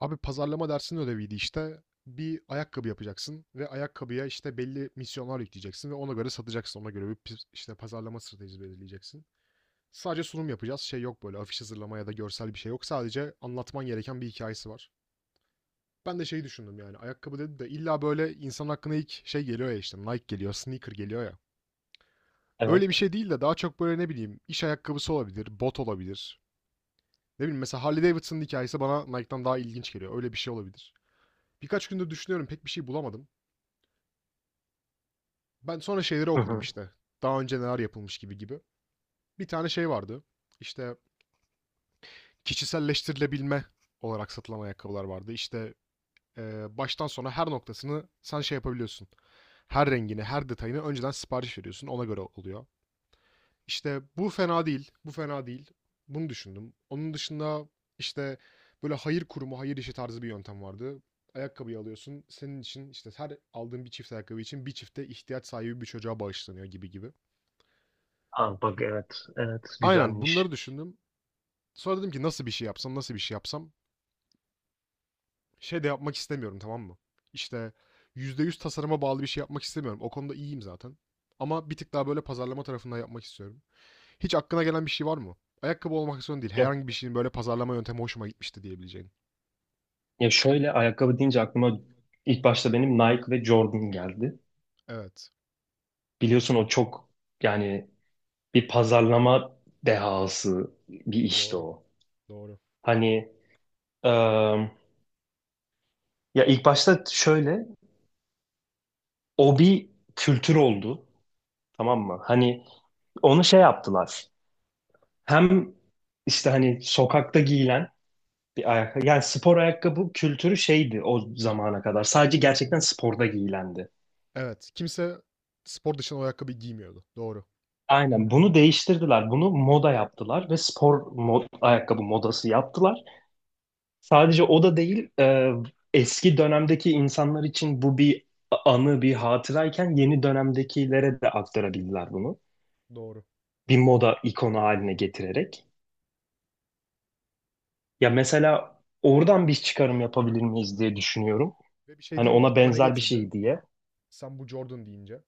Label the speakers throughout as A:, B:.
A: Abi pazarlama dersinin ödeviydi işte. Bir ayakkabı yapacaksın ve ayakkabıya işte belli misyonlar yükleyeceksin ve ona göre satacaksın. Ona göre bir işte pazarlama stratejisi belirleyeceksin. Sadece sunum yapacağız. Şey yok böyle afiş hazırlama ya da görsel bir şey yok. Sadece anlatman gereken bir hikayesi var. Ben de şeyi düşündüm yani ayakkabı dedi de illa böyle insan hakkında ilk şey geliyor ya işte Nike geliyor, sneaker geliyor ya. Öyle bir
B: Evet.
A: şey değil de daha çok böyle ne bileyim iş ayakkabısı olabilir, bot olabilir. Ne bileyim mesela Harley Davidson'ın hikayesi bana Nike'dan daha ilginç geliyor. Öyle bir şey olabilir. Birkaç gündür düşünüyorum pek bir şey bulamadım. Ben sonra şeyleri
B: Hı
A: okudum
B: hı.
A: işte. Daha önce neler yapılmış gibi gibi. Bir tane şey vardı. İşte kişiselleştirilebilme olarak satılan ayakkabılar vardı. İşte baştan sona her noktasını sen şey yapabiliyorsun. Her rengini, her detayını önceden sipariş veriyorsun. Ona göre oluyor. İşte bu fena değil, bu fena değil. Bunu düşündüm. Onun dışında işte böyle hayır kurumu, hayır işi tarzı bir yöntem vardı. Ayakkabıyı alıyorsun. Senin için işte her aldığın bir çift ayakkabı için bir çifte ihtiyaç sahibi bir çocuğa bağışlanıyor gibi gibi.
B: Aa, bak evet. Evet.
A: Aynen bunları
B: Güzelmiş.
A: düşündüm. Sonra dedim ki nasıl bir şey yapsam, nasıl bir şey yapsam. Şey de yapmak istemiyorum tamam mı? İşte %100 tasarıma bağlı bir şey yapmak istemiyorum. O konuda iyiyim zaten. Ama bir tık daha böyle pazarlama tarafından yapmak istiyorum. Hiç aklına gelen bir şey var mı? Ayakkabı olmak zorunda değil.
B: Ya,
A: Herhangi bir şeyin böyle pazarlama yöntemi hoşuma gitmişti diyebileceğin.
B: ya, şöyle ayakkabı deyince aklıma ilk başta benim Nike ve Jordan geldi.
A: Evet.
B: Biliyorsun o çok yani bir pazarlama dehası bir işti
A: Doğru.
B: o.
A: Doğru.
B: Hani ıı, ya ilk başta şöyle o bir kültür oldu. Tamam mı? Hani onu şey yaptılar. Hem işte hani sokakta giyilen bir ayakkabı. Yani spor ayakkabı kültürü şeydi o zamana kadar. Sadece gerçekten sporda giyilendi.
A: Evet. Kimse spor dışında o ayakkabıyı giymiyordu. Doğru.
B: Aynen bunu değiştirdiler. Bunu moda yaptılar ve spor mod, ayakkabı modası yaptılar. Sadece o da değil, eski dönemdeki insanlar için bu bir anı, bir hatırayken yeni dönemdekilere de aktarabildiler bunu.
A: Doğru.
B: Bir moda ikonu haline getirerek. Ya mesela oradan bir çıkarım yapabilir miyiz diye düşünüyorum.
A: Ve bir şey
B: Hani
A: diyeyim mi?
B: ona
A: Aklıma ne
B: benzer bir
A: getirdi?
B: şey diye.
A: Sen bu Jordan deyince.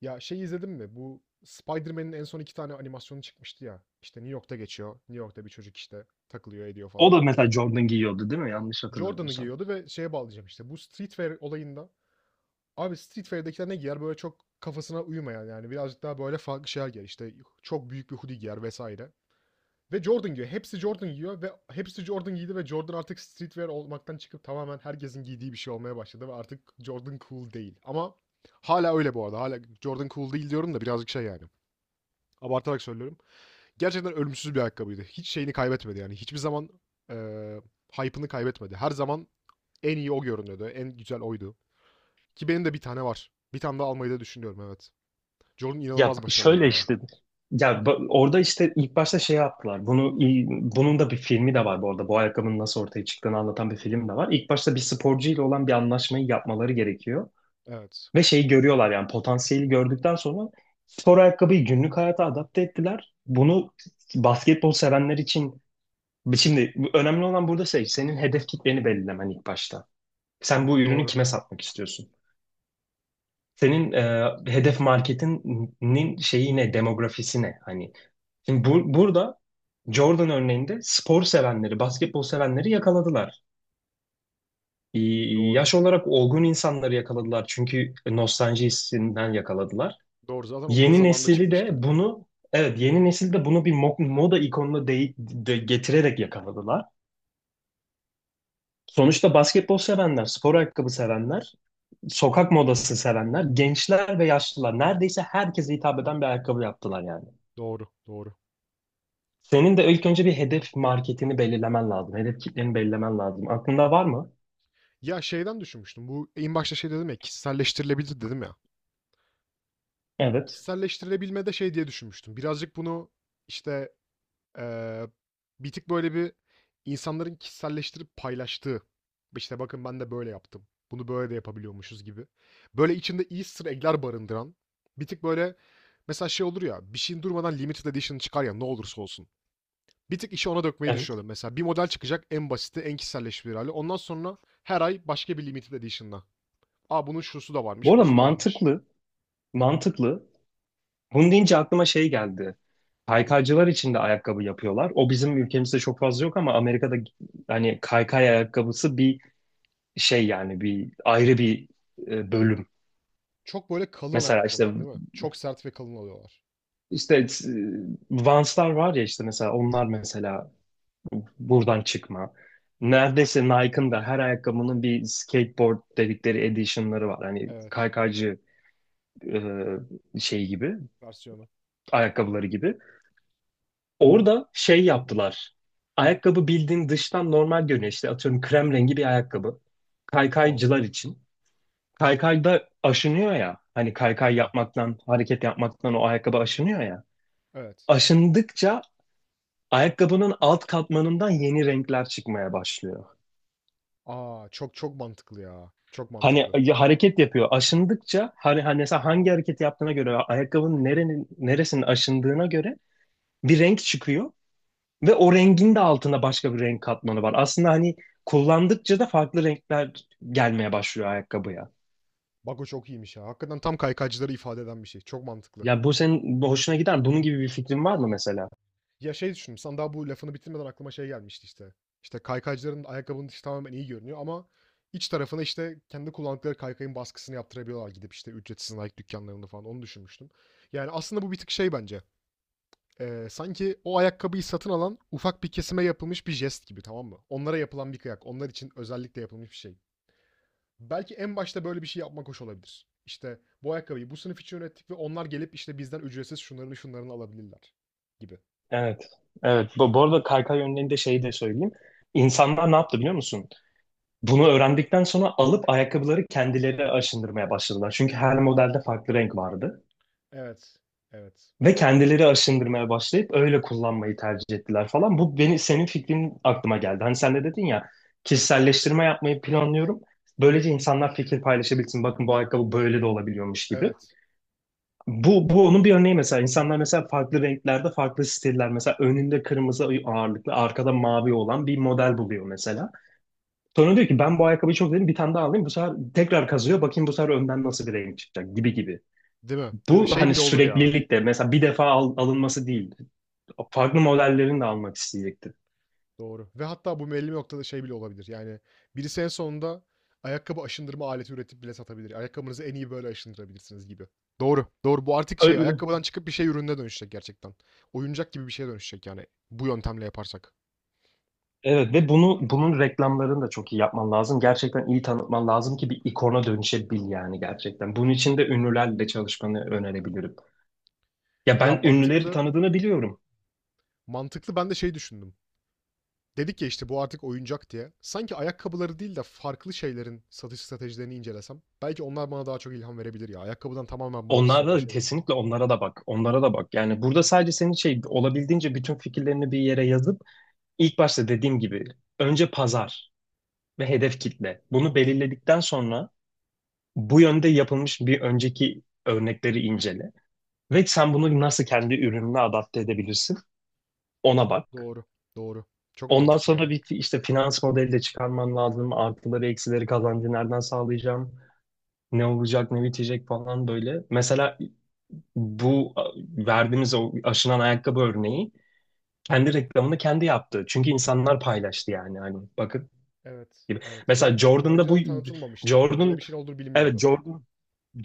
A: Ya şey izledin mi? Bu Spider-Man'in en son iki tane animasyonu çıkmıştı ya. İşte New York'ta geçiyor. New York'ta bir çocuk işte takılıyor ediyor
B: O
A: falan.
B: da mesela Jordan giyiyordu değil mi? Yanlış
A: Jordan'ı
B: hatırlamıyorsam.
A: giyiyordu ve şeye bağlayacağım işte. Bu streetwear olayında Abi Street Fighter'dakiler ne giyer? Böyle çok kafasına uymayan yani birazcık daha böyle farklı şeyler giyer. İşte çok büyük bir hoodie giyer vesaire. Ve Jordan giyiyor. Hepsi Jordan giyiyor ve hepsi Jordan giydi ve Jordan artık streetwear olmaktan çıkıp tamamen herkesin giydiği bir şey olmaya başladı ve artık Jordan cool değil. Ama hala öyle bu arada. Hala Jordan cool değil diyorum da birazcık şey yani. Abartarak söylüyorum. Gerçekten ölümsüz bir ayakkabıydı. Hiç şeyini kaybetmedi yani. Hiçbir zaman eee hype'ını kaybetmedi. Her zaman en iyi o görünüyordu. En güzel oydu. Ki benim de bir tane var. Bir tane daha almayı da düşünüyorum evet. Jordan
B: Ya
A: inanılmaz
B: şöyle
A: başarılıydı ya.
B: işte ya orada işte ilk başta şey yaptılar. Bunun da bir filmi de var bu arada. Bu ayakkabının nasıl ortaya çıktığını anlatan bir film de var. İlk başta bir sporcu ile olan bir anlaşmayı yapmaları gerekiyor.
A: Evet.
B: Ve şeyi görüyorlar yani potansiyeli gördükten sonra spor ayakkabıyı günlük hayata adapte ettiler. Bunu basketbol sevenler için şimdi önemli olan burada şey senin hedef kitleni belirlemen ilk başta. Sen bu ürünü
A: Doğru.
B: kime satmak istiyorsun? Senin hedef marketinin şeyi ne, demografisi ne? Hani şimdi burada Jordan örneğinde spor sevenleri, basketbol sevenleri yakaladılar.
A: Doğru.
B: Yaş olarak olgun insanları yakaladılar çünkü nostalji hissinden yakaladılar.
A: Doğru. Zaten onların
B: Yeni
A: zamanında
B: nesili de
A: çıkmıştı.
B: bunu, evet yeni nesil de bunu bir moda ikonuna getirerek yakaladılar. Sonuçta basketbol sevenler, spor ayakkabı sevenler, sokak modası sevenler, gençler ve yaşlılar neredeyse herkese hitap eden bir ayakkabı yaptılar yani.
A: Doğru. Doğru.
B: Senin de ilk önce bir hedef marketini belirlemen lazım. Hedef kitleni belirlemen lazım. Aklında var mı?
A: Ya şeyden düşünmüştüm. Bu en başta şey dedim ya kişiselleştirilebilir dedim ya.
B: Evet.
A: Kişiselleştirilebilme de şey diye düşünmüştüm. Birazcık bunu işte Eee, bir tık böyle bir insanların kişiselleştirip paylaştığı, işte bakın ben de böyle yaptım, bunu böyle de yapabiliyormuşuz gibi. Böyle içinde Easter egg'ler barındıran, bir tık böyle mesela şey olur ya, bir şeyin durmadan limited edition çıkar ya ne olursa olsun. Bir tık işi ona dökmeyi
B: Evet.
A: düşünüyorum. Mesela bir model çıkacak en basiti, en kişiselleştirilir hali. Ondan sonra her ay başka bir limited edition'la. Aa bunun şusu da
B: Bu
A: varmış,
B: arada
A: busu da varmış.
B: mantıklı. Mantıklı. Bunu deyince aklıma şey geldi. Kaykaycılar için de ayakkabı yapıyorlar. O bizim ülkemizde çok fazla yok ama Amerika'da hani kaykay ayakkabısı bir şey yani bir ayrı bir bölüm.
A: Çok böyle kalın
B: Mesela işte
A: ayakkabılar değil mi? Çok sert ve kalın oluyorlar.
B: işte e, Vans'lar var ya işte mesela onlar mesela buradan çıkma. Neredeyse Nike'ın da her ayakkabının bir skateboard dedikleri edition'ları var. Hani
A: Evet.
B: kaykaycı e, şey gibi,
A: Versiyonu.
B: ayakkabıları gibi. Orada şey yaptılar. Ayakkabı bildiğin dıştan normal görünüyor. İşte atıyorum krem rengi bir ayakkabı.
A: Tamam.
B: Kaykaycılar için. Kaykayda aşınıyor ya. Hani kaykay
A: Aynen.
B: yapmaktan, hareket yapmaktan o ayakkabı aşınıyor ya.
A: Evet.
B: Aşındıkça ayakkabının alt katmanından yeni renkler çıkmaya başlıyor.
A: A! Çok çok mantıklı ya. Çok
B: Hani
A: mantıklı.
B: ya hareket yapıyor. Aşındıkça hani mesela hangi hareket yaptığına göre ayakkabının neresinin aşındığına göre bir renk çıkıyor ve o rengin de altında başka bir renk katmanı var. Aslında hani kullandıkça da farklı renkler gelmeye başlıyor ayakkabıya.
A: Bak o çok iyiymiş ya. Hakikaten tam kaykaycıları ifade eden bir şey. Çok mantıklı.
B: Ya bu senin hoşuna gider. Bunun gibi bir fikrin var mı mesela?
A: Ya şey düşündüm. Sen daha bu lafını bitirmeden aklıma şey gelmişti işte. İşte kaykaycıların ayakkabının dışı tamamen iyi görünüyor ama iç tarafına işte kendi kullandıkları kaykayın baskısını yaptırabiliyorlar gidip işte ücretsiz Nike dükkanlarında falan onu düşünmüştüm. Yani aslında bu bir tık şey bence. Sanki o ayakkabıyı satın alan ufak bir kesime yapılmış bir jest gibi tamam mı? Onlara yapılan bir kıyak. Onlar için özellikle yapılmış bir şey. Belki en başta böyle bir şey yapmak hoş olabilir. İşte bu ayakkabıyı bu sınıf için ürettik ve onlar gelip işte bizden ücretsiz şunlarını şunlarını alabilirler gibi.
B: Evet. Evet. Bu arada kaykay yönlerinde şeyi de söyleyeyim. İnsanlar ne yaptı biliyor musun? Bunu öğrendikten sonra alıp ayakkabıları kendileri aşındırmaya başladılar. Çünkü her modelde farklı renk vardı.
A: Evet. Evet.
B: Ve kendileri aşındırmaya başlayıp öyle kullanmayı tercih ettiler falan. Bu beni senin fikrin aklıma geldi. Hani sen de dedin ya kişiselleştirme yapmayı planlıyorum. Böylece insanlar fikir paylaşabilsin. Bakın bu ayakkabı böyle de olabiliyormuş gibi.
A: Evet.
B: Bu onun bir örneği mesela. İnsanlar mesela farklı renklerde farklı stiller. Mesela önünde kırmızı ağırlıklı, arkada mavi olan bir model buluyor mesela. Sonra diyor ki ben bu ayakkabıyı çok sevdim bir tane daha alayım. Bu sefer tekrar kazıyor. Bakayım bu sefer önden nasıl bir renk çıkacak gibi gibi.
A: Değil mi? Değil mi?
B: Bu
A: Şey
B: hani
A: bile olur ya.
B: süreklilik de mesela bir defa alınması değil farklı modellerini de almak isteyecektir.
A: Doğru. Ve hatta bu belli bir noktada şey bile olabilir. Yani birisi en sonunda ayakkabı aşındırma aleti üretip bile satabilir. Ayakkabınızı en iyi böyle aşındırabilirsiniz gibi. Doğru. Doğru. Bu artık şey
B: Öyle.
A: ayakkabıdan çıkıp bir şey ürününe dönüşecek gerçekten. Oyuncak gibi bir şeye dönüşecek yani bu yöntemle yaparsak.
B: Evet ve bunun reklamlarını da çok iyi yapman lazım. Gerçekten iyi tanıtman lazım ki bir ikona dönüşebil yani gerçekten. Bunun için de ünlülerle çalışmanı önerebilirim. Ya
A: Ya
B: ben ünlüleri
A: mantıklı.
B: tanıdığını biliyorum.
A: Mantıklı ben de şey düşündüm. Dedik ya işte bu artık oyuncak diye. Sanki ayakkabıları değil de farklı şeylerin satış stratejilerini incelesem. Belki onlar bana daha çok ilham verebilir ya. Ayakkabıdan tamamen bağımsız olan şeyleri.
B: Onlara da bak. Onlara da bak. Yani burada sadece senin şey olabildiğince bütün fikirlerini bir yere yazıp ilk başta dediğim gibi önce pazar ve hedef kitle. Bunu belirledikten sonra bu yönde yapılmış bir önceki örnekleri incele. Ve sen bunu nasıl kendi ürününe adapte edebilirsin? Ona bak.
A: Doğru. Doğru. Çok
B: Ondan
A: mantıklı ya.
B: sonra bir işte finans modeli de çıkarman lazım. Artıları, eksileri, kazancı nereden sağlayacağım? Ne olacak, ne bitecek falan böyle. Mesela bu verdiğimiz o aşınan ayakkabı örneği kendi reklamını kendi yaptı. Çünkü insanlar paylaştı yani. Hani bakın
A: Evet.
B: gibi.
A: Evet.
B: Mesela
A: Ve
B: Jordan'da bu
A: önceden tanıtılmamıştı. Böyle
B: Jordan
A: bir şeyin olduğu
B: evet
A: bilinmiyordu.
B: Jordan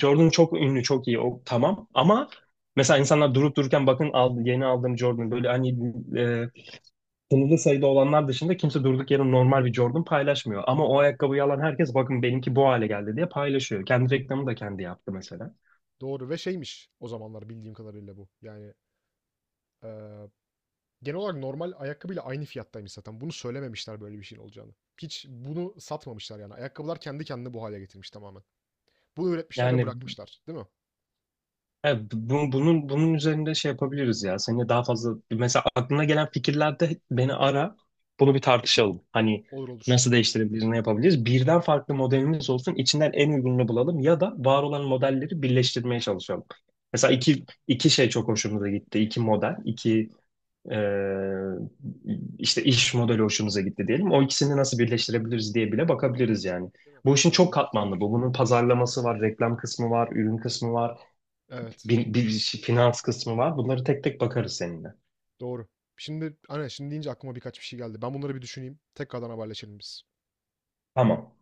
B: Jordan çok ünlü, çok iyi. O tamam ama mesela insanlar durup dururken bakın aldı, yeni aldığım Jordan böyle hani e, sınırlı sayıda olanlar dışında kimse durduk yere normal bir Jordan paylaşmıyor. Ama o ayakkabıyı alan herkes bakın benimki bu hale geldi diye paylaşıyor. Kendi reklamı da kendi yaptı mesela.
A: Doğru ve şeymiş o zamanlar bildiğim kadarıyla bu. Yani eee, genel olarak normal ayakkabıyla aynı fiyattaymış zaten. Bunu söylememişler böyle bir şeyin olacağını. Hiç bunu satmamışlar yani. Ayakkabılar kendi kendini bu hale getirmiş tamamen. Bunu üretmişler ve
B: Yani
A: bırakmışlar, değil mi?
B: evet, bunun üzerinde şey yapabiliriz ya. Seninle daha fazla mesela aklına gelen fikirlerde beni ara. Bunu bir tartışalım. Hani
A: Olur olur.
B: nasıl değiştirebiliriz, ne yapabiliriz? Birden farklı modelimiz olsun. İçinden en uygununu bulalım ya da var olan modelleri birleştirmeye çalışalım. Mesela
A: Olur.
B: iki şey çok hoşumuza gitti. İki model, iki e, işte iş modeli hoşumuza gitti diyelim. O ikisini nasıl birleştirebiliriz diye bile bakabiliriz yani. Bu işin
A: Değil mi?
B: çok
A: Mantıklı.
B: katmanlı bu. Bunun pazarlaması var, reklam kısmı var, ürün kısmı var
A: Evet.
B: finans kısmı var. Bunları tek tek bakarız seninle.
A: Doğru. Şimdi aynen şimdi deyince aklıma birkaç bir şey geldi. Ben bunları bir düşüneyim. Tekrardan haberleşelim biz.
B: Tamam.